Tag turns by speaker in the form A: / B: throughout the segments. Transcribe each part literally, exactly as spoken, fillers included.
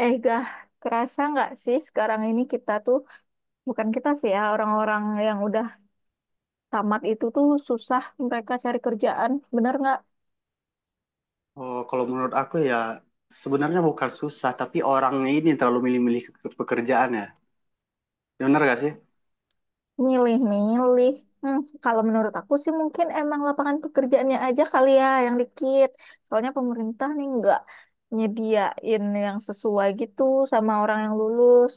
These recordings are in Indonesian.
A: Eh, gah, kerasa nggak sih sekarang ini kita tuh, bukan kita sih ya, orang-orang yang udah tamat itu tuh susah mereka cari kerjaan. Bener nggak?
B: Oh, kalau menurut aku ya sebenarnya bukan susah, tapi orangnya ini terlalu milih-milih ke- pekerjaan ya. Bener gak sih?
A: Milih-milih. Hmm, Kalau menurut aku sih mungkin emang lapangan pekerjaannya aja kali ya yang dikit. Soalnya pemerintah nih nggak nyediain yang sesuai gitu sama orang yang lulus.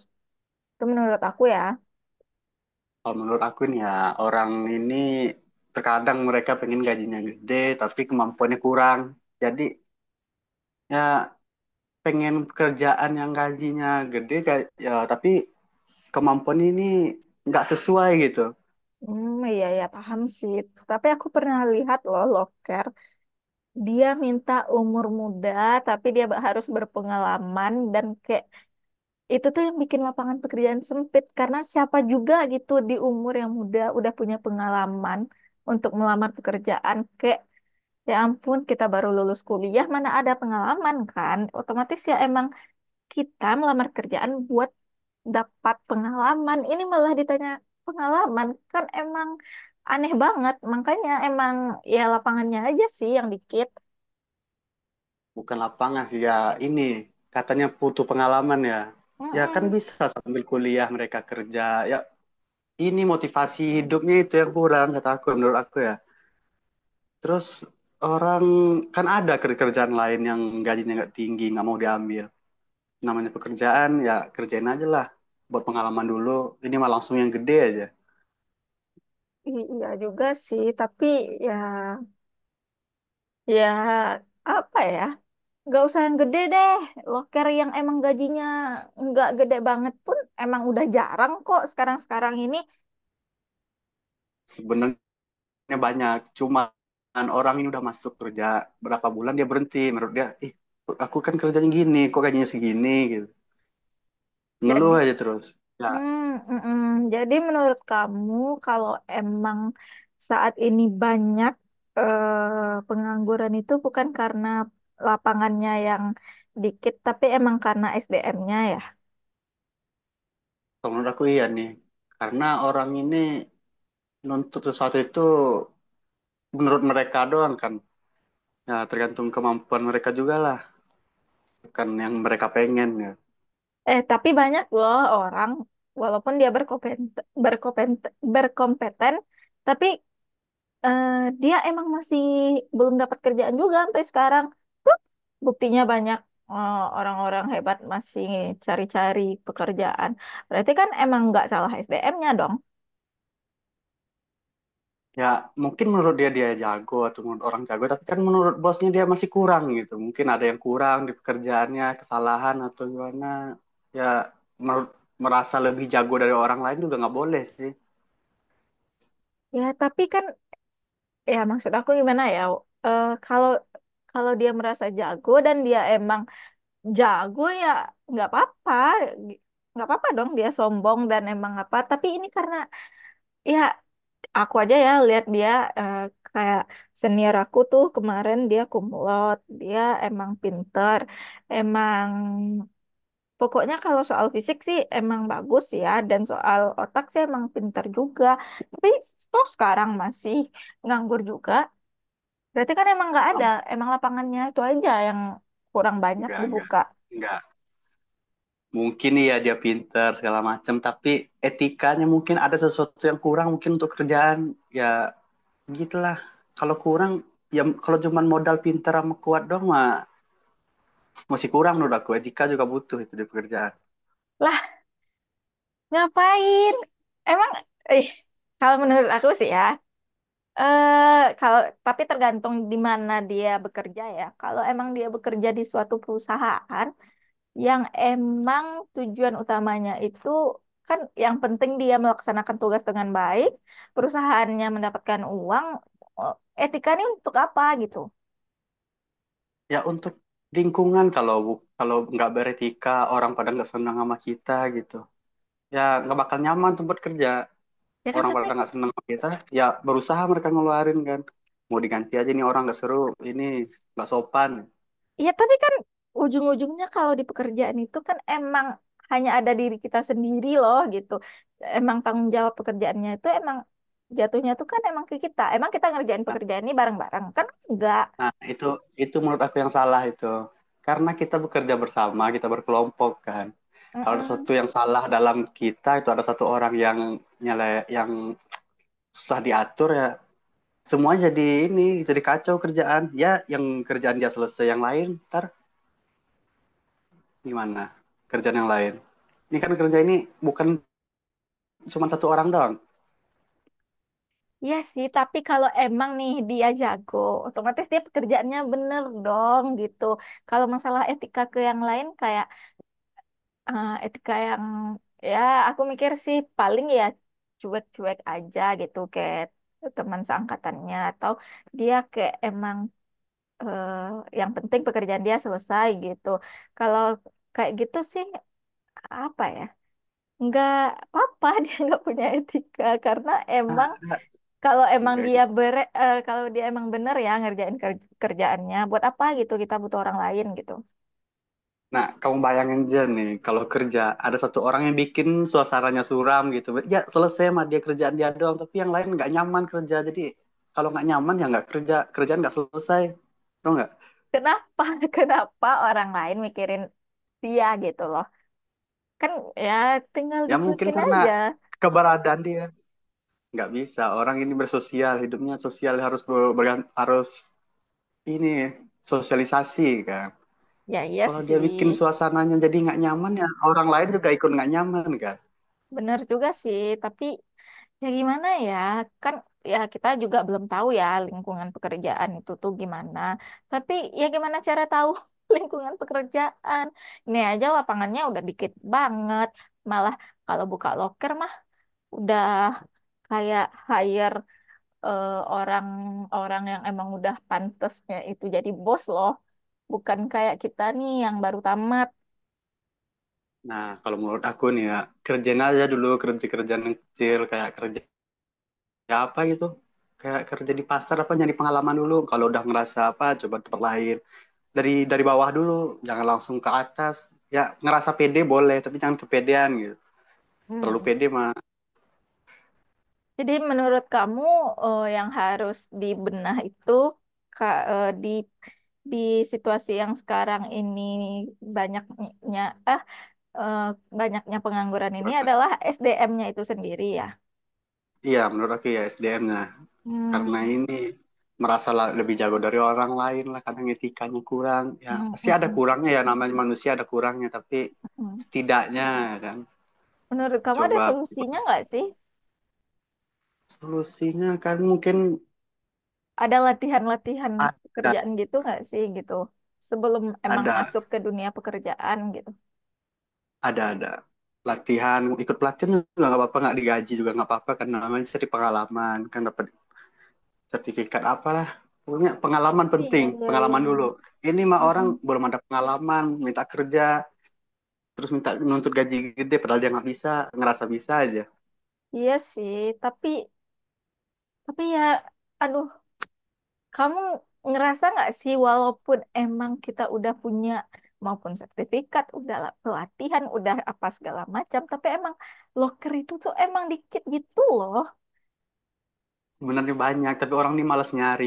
A: Itu menurut aku ya.
B: Kalau menurut aku nih ya orang ini terkadang mereka pengen gajinya gede, tapi kemampuannya kurang. Jadi ya pengen pekerjaan yang gajinya gede, ga- ya tapi kemampuannya ini nggak sesuai gitu.
A: Hmm, iya ya paham sih. Tapi aku pernah lihat loh, loker. Dia minta umur muda tapi dia ba- harus berpengalaman dan kayak itu tuh yang bikin lapangan pekerjaan sempit karena siapa juga gitu di umur yang muda udah punya pengalaman untuk melamar pekerjaan kayak ya ampun, kita baru lulus kuliah, mana ada pengalaman, kan otomatis ya emang kita melamar kerjaan buat dapat pengalaman, ini malah ditanya pengalaman, kan emang aneh banget, makanya emang ya lapangannya aja sih yang dikit.
B: Bukan lapangan sih ya, ini katanya butuh pengalaman ya. Ya kan
A: Mm-mm.
B: bisa sambil kuliah mereka kerja. Ya ini motivasi hidupnya itu yang kurang kata aku menurut aku ya. Terus orang kan ada kerjaan lain yang gajinya nggak tinggi nggak mau diambil. Namanya pekerjaan ya kerjain aja lah buat pengalaman dulu. Ini mah langsung yang gede aja.
A: I- Iya juga sih, tapi ya ya apa ya? Nggak usah yang gede deh. Loker yang emang gajinya nggak gede banget pun emang udah jarang kok sekarang-sekarang ini.
B: Sebenarnya banyak, cuma orang ini udah masuk kerja berapa bulan dia berhenti, menurut dia ih aku kan kerjanya gini kok gajinya segini gitu. Ngeluh
A: Jadi,
B: aja terus. Ya
A: hmm, mm, mm. Jadi menurut kamu kalau emang saat ini banyak eh, pengangguran itu bukan karena lapangannya yang dikit, tapi emang karena S D M-nya.
B: menurut aku iya nih, karena orang ini nuntut sesuatu itu menurut mereka doang kan. Ya, tergantung kemampuan mereka juga lah. Kan yang mereka pengen ya.
A: Eh, tapi banyak loh orang, walaupun dia berkompeten, berkompeten, berkompeten, tapi eh, dia emang masih belum dapat kerjaan juga sampai sekarang. Tuh, buktinya banyak eh, orang-orang hebat masih cari-cari pekerjaan. Berarti kan emang nggak salah S D M-nya dong.
B: Ya, mungkin menurut dia dia jago atau menurut orang jago, tapi kan menurut bosnya dia masih kurang gitu. Mungkin ada yang kurang di pekerjaannya, kesalahan atau gimana. Ya, menurut merasa lebih jago dari orang lain juga nggak boleh sih.
A: Ya, tapi kan, ya maksud aku gimana ya, eh, kalau kalau dia merasa jago dan dia emang jago ya nggak apa-apa, nggak apa-apa dong dia sombong dan emang apa, tapi ini karena ya aku aja ya lihat dia, eh, kayak senior aku tuh kemarin dia kumlot, dia emang pinter, emang pokoknya kalau soal fisik sih emang bagus ya, dan soal otak sih emang pinter juga, tapi toh sekarang masih nganggur juga, berarti kan emang nggak
B: Ah,
A: ada, emang lapangannya itu aja yang kurang banyak
B: enggak, enggak.
A: dibuka.
B: Enggak. Mungkin iya dia pinter segala macam, tapi etikanya mungkin ada sesuatu yang kurang mungkin untuk kerjaan. Ya, gitulah, kalau kurang ya, kalau cuma modal pintar sama kuat doang mah masih kurang. Menurut aku etika juga butuh itu di pekerjaan,
A: Lah. Ngapain? Emang, eh, kalau menurut aku sih ya, eh kalau tapi tergantung di mana dia bekerja ya. Kalau emang dia bekerja di suatu perusahaan yang emang tujuan utamanya itu kan yang penting dia melaksanakan tugas dengan baik, perusahaannya mendapatkan uang, eh, etika ini untuk apa gitu?
B: ya untuk lingkungan. Kalau kalau nggak beretika orang pada nggak senang sama kita gitu, ya nggak bakal nyaman tempat kerja.
A: Ya kan,
B: Orang
A: tapi
B: pada nggak senang sama kita, ya berusaha mereka ngeluarin kan, mau diganti aja nih, orang nggak seru ini, nggak sopan.
A: iya, tapi kan ujung-ujungnya kalau di pekerjaan itu kan emang hanya ada diri kita sendiri loh gitu. Emang tanggung jawab pekerjaannya itu emang jatuhnya tuh kan emang ke kita. Emang kita ngerjain pekerjaan ini bareng-bareng kan enggak.
B: Nah, itu itu menurut aku yang salah itu. Karena kita bekerja bersama, kita berkelompok kan. Kalau ada
A: Mm.
B: satu yang salah dalam kita, itu ada satu orang yang nyele, yang susah diatur ya, semua jadi ini, jadi kacau kerjaan. Ya, yang kerjaan dia selesai, yang lain ntar gimana? Kerjaan yang lain. Ini kan kerja ini bukan cuma satu orang doang.
A: Iya sih, tapi kalau emang nih dia jago, otomatis dia pekerjaannya bener dong gitu. Kalau masalah etika ke yang lain kayak eh, etika yang ya aku mikir sih paling ya cuek-cuek aja gitu, kayak teman seangkatannya atau dia kayak emang, eh, yang penting pekerjaan dia selesai gitu. Kalau kayak gitu sih apa ya? Nggak apa-apa dia nggak punya etika karena
B: Nah,
A: emang kalau emang
B: ya
A: dia bere, eh, kalau dia emang bener ya ngerjain ker- kerjaannya buat apa gitu, kita butuh orang lain gitu.
B: Nah, kamu bayangin aja nih, kalau kerja ada satu orang yang bikin suasananya suram gitu. Ya selesai mah dia kerjaan dia doang, tapi yang lain nggak nyaman kerja. Jadi kalau nggak nyaman ya nggak kerja, kerjaan nggak selesai. Tau nggak?
A: Kenapa kenapa orang lain mikirin dia gitu loh. Kan ya tinggal
B: Ya mungkin
A: dicuekin
B: karena
A: aja.
B: keberadaan dia nggak bisa. Orang ini bersosial, hidupnya sosial harus ber- bergan- harus ini sosialisasi kan.
A: Ya iya
B: Kalau dia bikin
A: sih,
B: suasananya jadi nggak nyaman ya orang lain juga ikut nggak nyaman kan.
A: bener juga sih. Tapi ya gimana ya, kan ya kita juga belum tahu ya lingkungan pekerjaan itu tuh gimana. Tapi ya gimana cara tahu lingkungan pekerjaan. Ini aja lapangannya udah dikit banget. Malah kalau buka loker mah udah kayak hire, eh, orang-orang yang emang udah pantesnya itu jadi bos loh. Bukan kayak kita nih yang baru tamat.
B: Nah, kalau menurut aku nih ya, kerjain aja dulu kerja-kerjaan yang kecil, kayak kerja ya apa gitu. Kayak kerja di pasar apa nyari pengalaman dulu. Kalau udah ngerasa apa, coba tempat lain. Dari dari bawah dulu, jangan langsung ke atas. Ya ngerasa pede boleh, tapi jangan kepedean gitu. Terlalu
A: Hmm.
B: pede mah.
A: Jadi menurut kamu, eh, yang harus dibenah itu ka- eh, di di situasi yang sekarang ini banyaknya ah eh, banyaknya pengangguran ini adalah S D M nya itu sendiri ya.
B: Iya, menurut aku ya S D M-nya. Karena
A: Hmm.
B: ini merasa la- lebih jago dari orang lain lah, kadang etikanya kurang. Ya
A: Hmm,
B: pasti
A: mm,
B: ada
A: mm,
B: kurangnya ya, namanya manusia ada kurangnya, tapi
A: mm.
B: setidaknya ya kan,
A: Menurut kamu ada
B: coba.
A: solusinya nggak sih?
B: Solusinya kan mungkin
A: Ada latihan-latihan
B: ada,
A: pekerjaan gitu nggak sih gitu sebelum emang
B: ada
A: masuk ke dunia pekerjaan gitu?
B: ada ada latihan, ikut pelatihan juga nggak apa-apa, nggak digaji juga nggak apa-apa, karena namanya cari pengalaman kan, dapat sertifikat apalah, punya pengalaman,
A: Iya,
B: penting
A: iya, iya.
B: pengalaman dulu.
A: Iya.
B: Ini mah orang
A: Mm-mm.
B: belum ada pengalaman minta kerja, terus minta nuntut gaji gede, padahal dia nggak bisa, ngerasa bisa aja.
A: Iya sih, tapi tapi ya, aduh. Kamu ngerasa nggak sih walaupun emang kita udah punya maupun sertifikat, udah lah pelatihan, udah apa segala macam, tapi emang loker itu tuh emang dikit gitu loh.
B: Sebenarnya banyak, tapi orang ini malas nyari.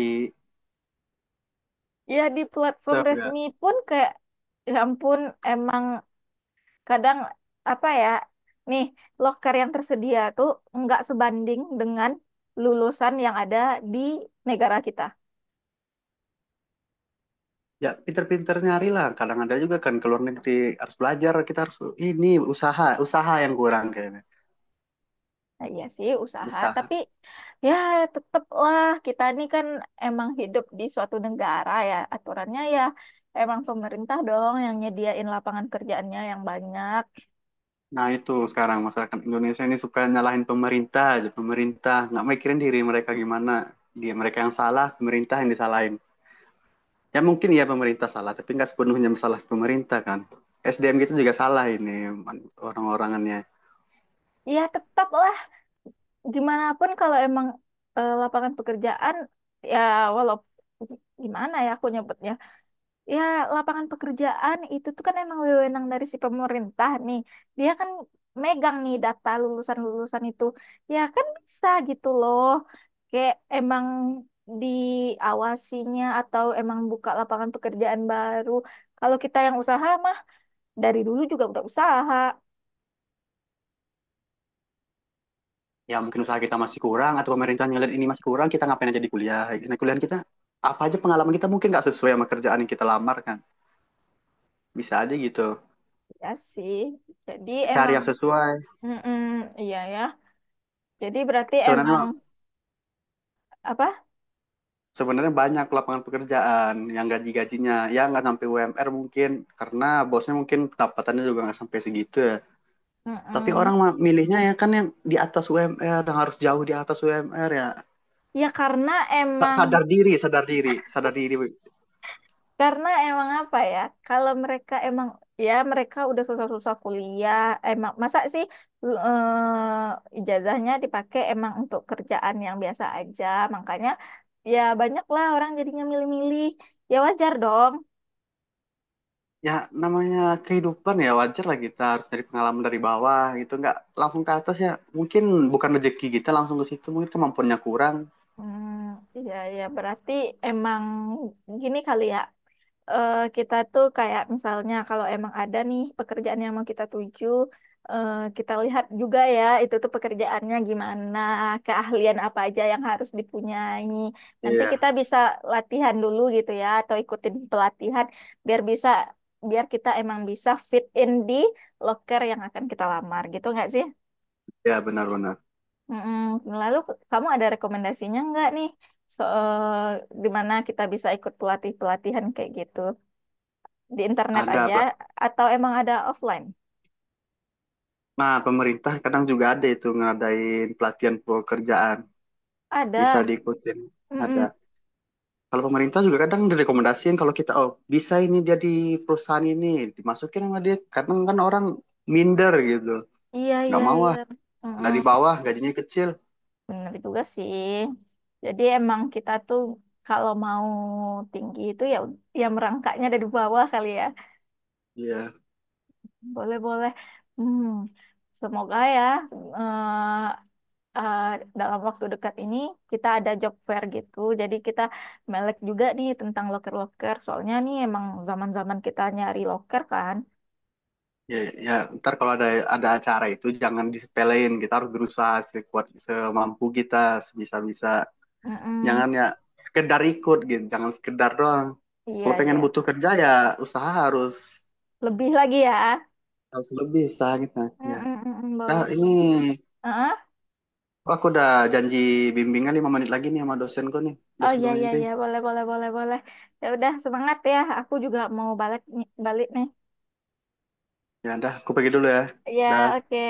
A: Ya di platform
B: Tahu,
A: resmi pun kayak ya ampun, emang kadang apa ya, nih loker yang tersedia tuh nggak sebanding dengan lulusan yang ada di negara kita.
B: ya pinter-pinter nyari lah, kadang ada juga kan ke luar negeri, harus belajar, kita harus ini usaha. Usaha yang kurang kayaknya,
A: Nah, iya sih usaha,
B: usaha.
A: tapi ya tetaplah kita ini kan emang hidup di suatu negara, ya aturannya ya emang pemerintah dong yang nyediain lapangan kerjaannya yang banyak.
B: Nah itu sekarang masyarakat Indonesia ini suka nyalahin pemerintah aja, pemerintah nggak mikirin diri mereka gimana, dia mereka yang salah, pemerintah yang disalahin. Ya mungkin ya pemerintah salah, tapi nggak sepenuhnya masalah pemerintah kan. S D M kita juga salah, ini orang-orangannya.
A: Ya tetaplah gimana pun kalau emang eh, lapangan pekerjaan ya walau gimana ya aku nyebutnya. Ya, lapangan pekerjaan itu tuh kan emang wewenang dari si pemerintah nih. Dia kan megang nih data lulusan-lulusan itu. Ya kan bisa gitu loh. Kayak emang diawasinya atau emang buka lapangan pekerjaan baru. Kalau kita yang usaha mah dari dulu juga udah usaha.
B: Ya mungkin usaha kita masih kurang, atau pemerintah ngeliat ini masih kurang, kita ngapain aja di kuliah. Nah, kuliah kita apa aja pengalaman kita mungkin nggak sesuai sama kerjaan yang kita lamar kan. Bisa aja gitu.
A: Ya sih. Jadi
B: Cari
A: emang,
B: yang sesuai.
A: mm, iya ya. Jadi berarti emang
B: Sebenarnya
A: apa?
B: Sebenarnya banyak lapangan pekerjaan yang gaji-gajinya ya nggak sampai U M R, mungkin karena bosnya mungkin pendapatannya juga nggak sampai segitu ya. Tapi
A: mm
B: orang mah milihnya ya kan yang di atas U M R, yang harus jauh di atas U M R ya.
A: Ya karena emang,
B: Sadar diri, sadar diri, sadar diri.
A: karena emang apa ya, kalau mereka emang ya mereka udah susah-susah kuliah, emang masa sih eh, ijazahnya dipakai emang untuk kerjaan yang biasa aja, makanya ya banyak lah orang jadinya milih-milih, ya wajar dong.
B: Ya namanya kehidupan ya wajar lah, kita harus dari pengalaman dari bawah gitu, nggak langsung ke atas ya. Mungkin bukan rezeki kita langsung ke situ, mungkin kemampuannya kurang.
A: Hmm, Ya ya berarti emang gini kali ya. Eh, kita tuh kayak misalnya kalau emang ada nih pekerjaan yang mau kita tuju, eh, kita lihat juga ya itu tuh pekerjaannya gimana, keahlian apa aja yang harus dipunyai. Nanti
B: Iya,
A: kita bisa latihan dulu gitu ya, atau ikutin pelatihan biar bisa, biar kita emang bisa fit in di loker yang akan kita lamar gitu nggak sih?
B: ya benar-benar.
A: Mm-mm. Lalu kamu ada rekomendasinya nggak nih? So, eh, di mana kita bisa ikut pelatih-pelatihan kayak gitu? Di internet
B: Ada
A: aja atau emang ada offline?
B: Nah, pemerintah kadang juga ada itu ngadain pelatihan pekerjaan, bisa
A: Ada.
B: diikutin. Ada.
A: Mm-mm.
B: Kalau pemerintah juga kadang direkomendasiin, kalau kita oh bisa ini dia di perusahaan ini, dimasukin sama dia. Kadang kan orang minder gitu,
A: Iya,
B: nggak
A: iya,
B: mau
A: iya.
B: ah
A: Mm-mm.
B: dari bawah gajinya kecil.
A: Bener juga sih. Jadi emang kita tuh kalau mau tinggi itu ya, ya merangkaknya dari bawah kali ya.
B: Iya,
A: Boleh, boleh. Hmm. Semoga ya eh, eh, dalam waktu dekat ini kita ada job fair gitu. Jadi kita melek juga nih tentang loker-loker. Soalnya nih emang zaman-zaman kita nyari loker kan.
B: ya, ya. Ntar kalau ada ada acara itu jangan disepelein. Kita harus berusaha sekuat semampu kita, sebisa-bisa.
A: Mm-mm.
B: Jangan ya sekedar ikut gitu, jangan sekedar doang.
A: Iya,
B: Kalau pengen
A: iya.
B: butuh kerja ya usaha harus
A: Lebih lagi ya.
B: Harus lebih sakit
A: Mm,
B: naiknya.
A: mm, mm, mm,
B: Nah,
A: boleh.
B: ini
A: Heeh.
B: oh, aku udah janji bimbingan lima menit lagi nih sama dosenku nih,
A: Oh
B: dosen
A: ya ya
B: pembimbing.
A: ya, boleh boleh boleh boleh. Ya udah semangat ya. Aku juga mau balik nih- balik nih.
B: Ya udah, aku pergi dulu ya.
A: Ya,
B: Dah.
A: oke.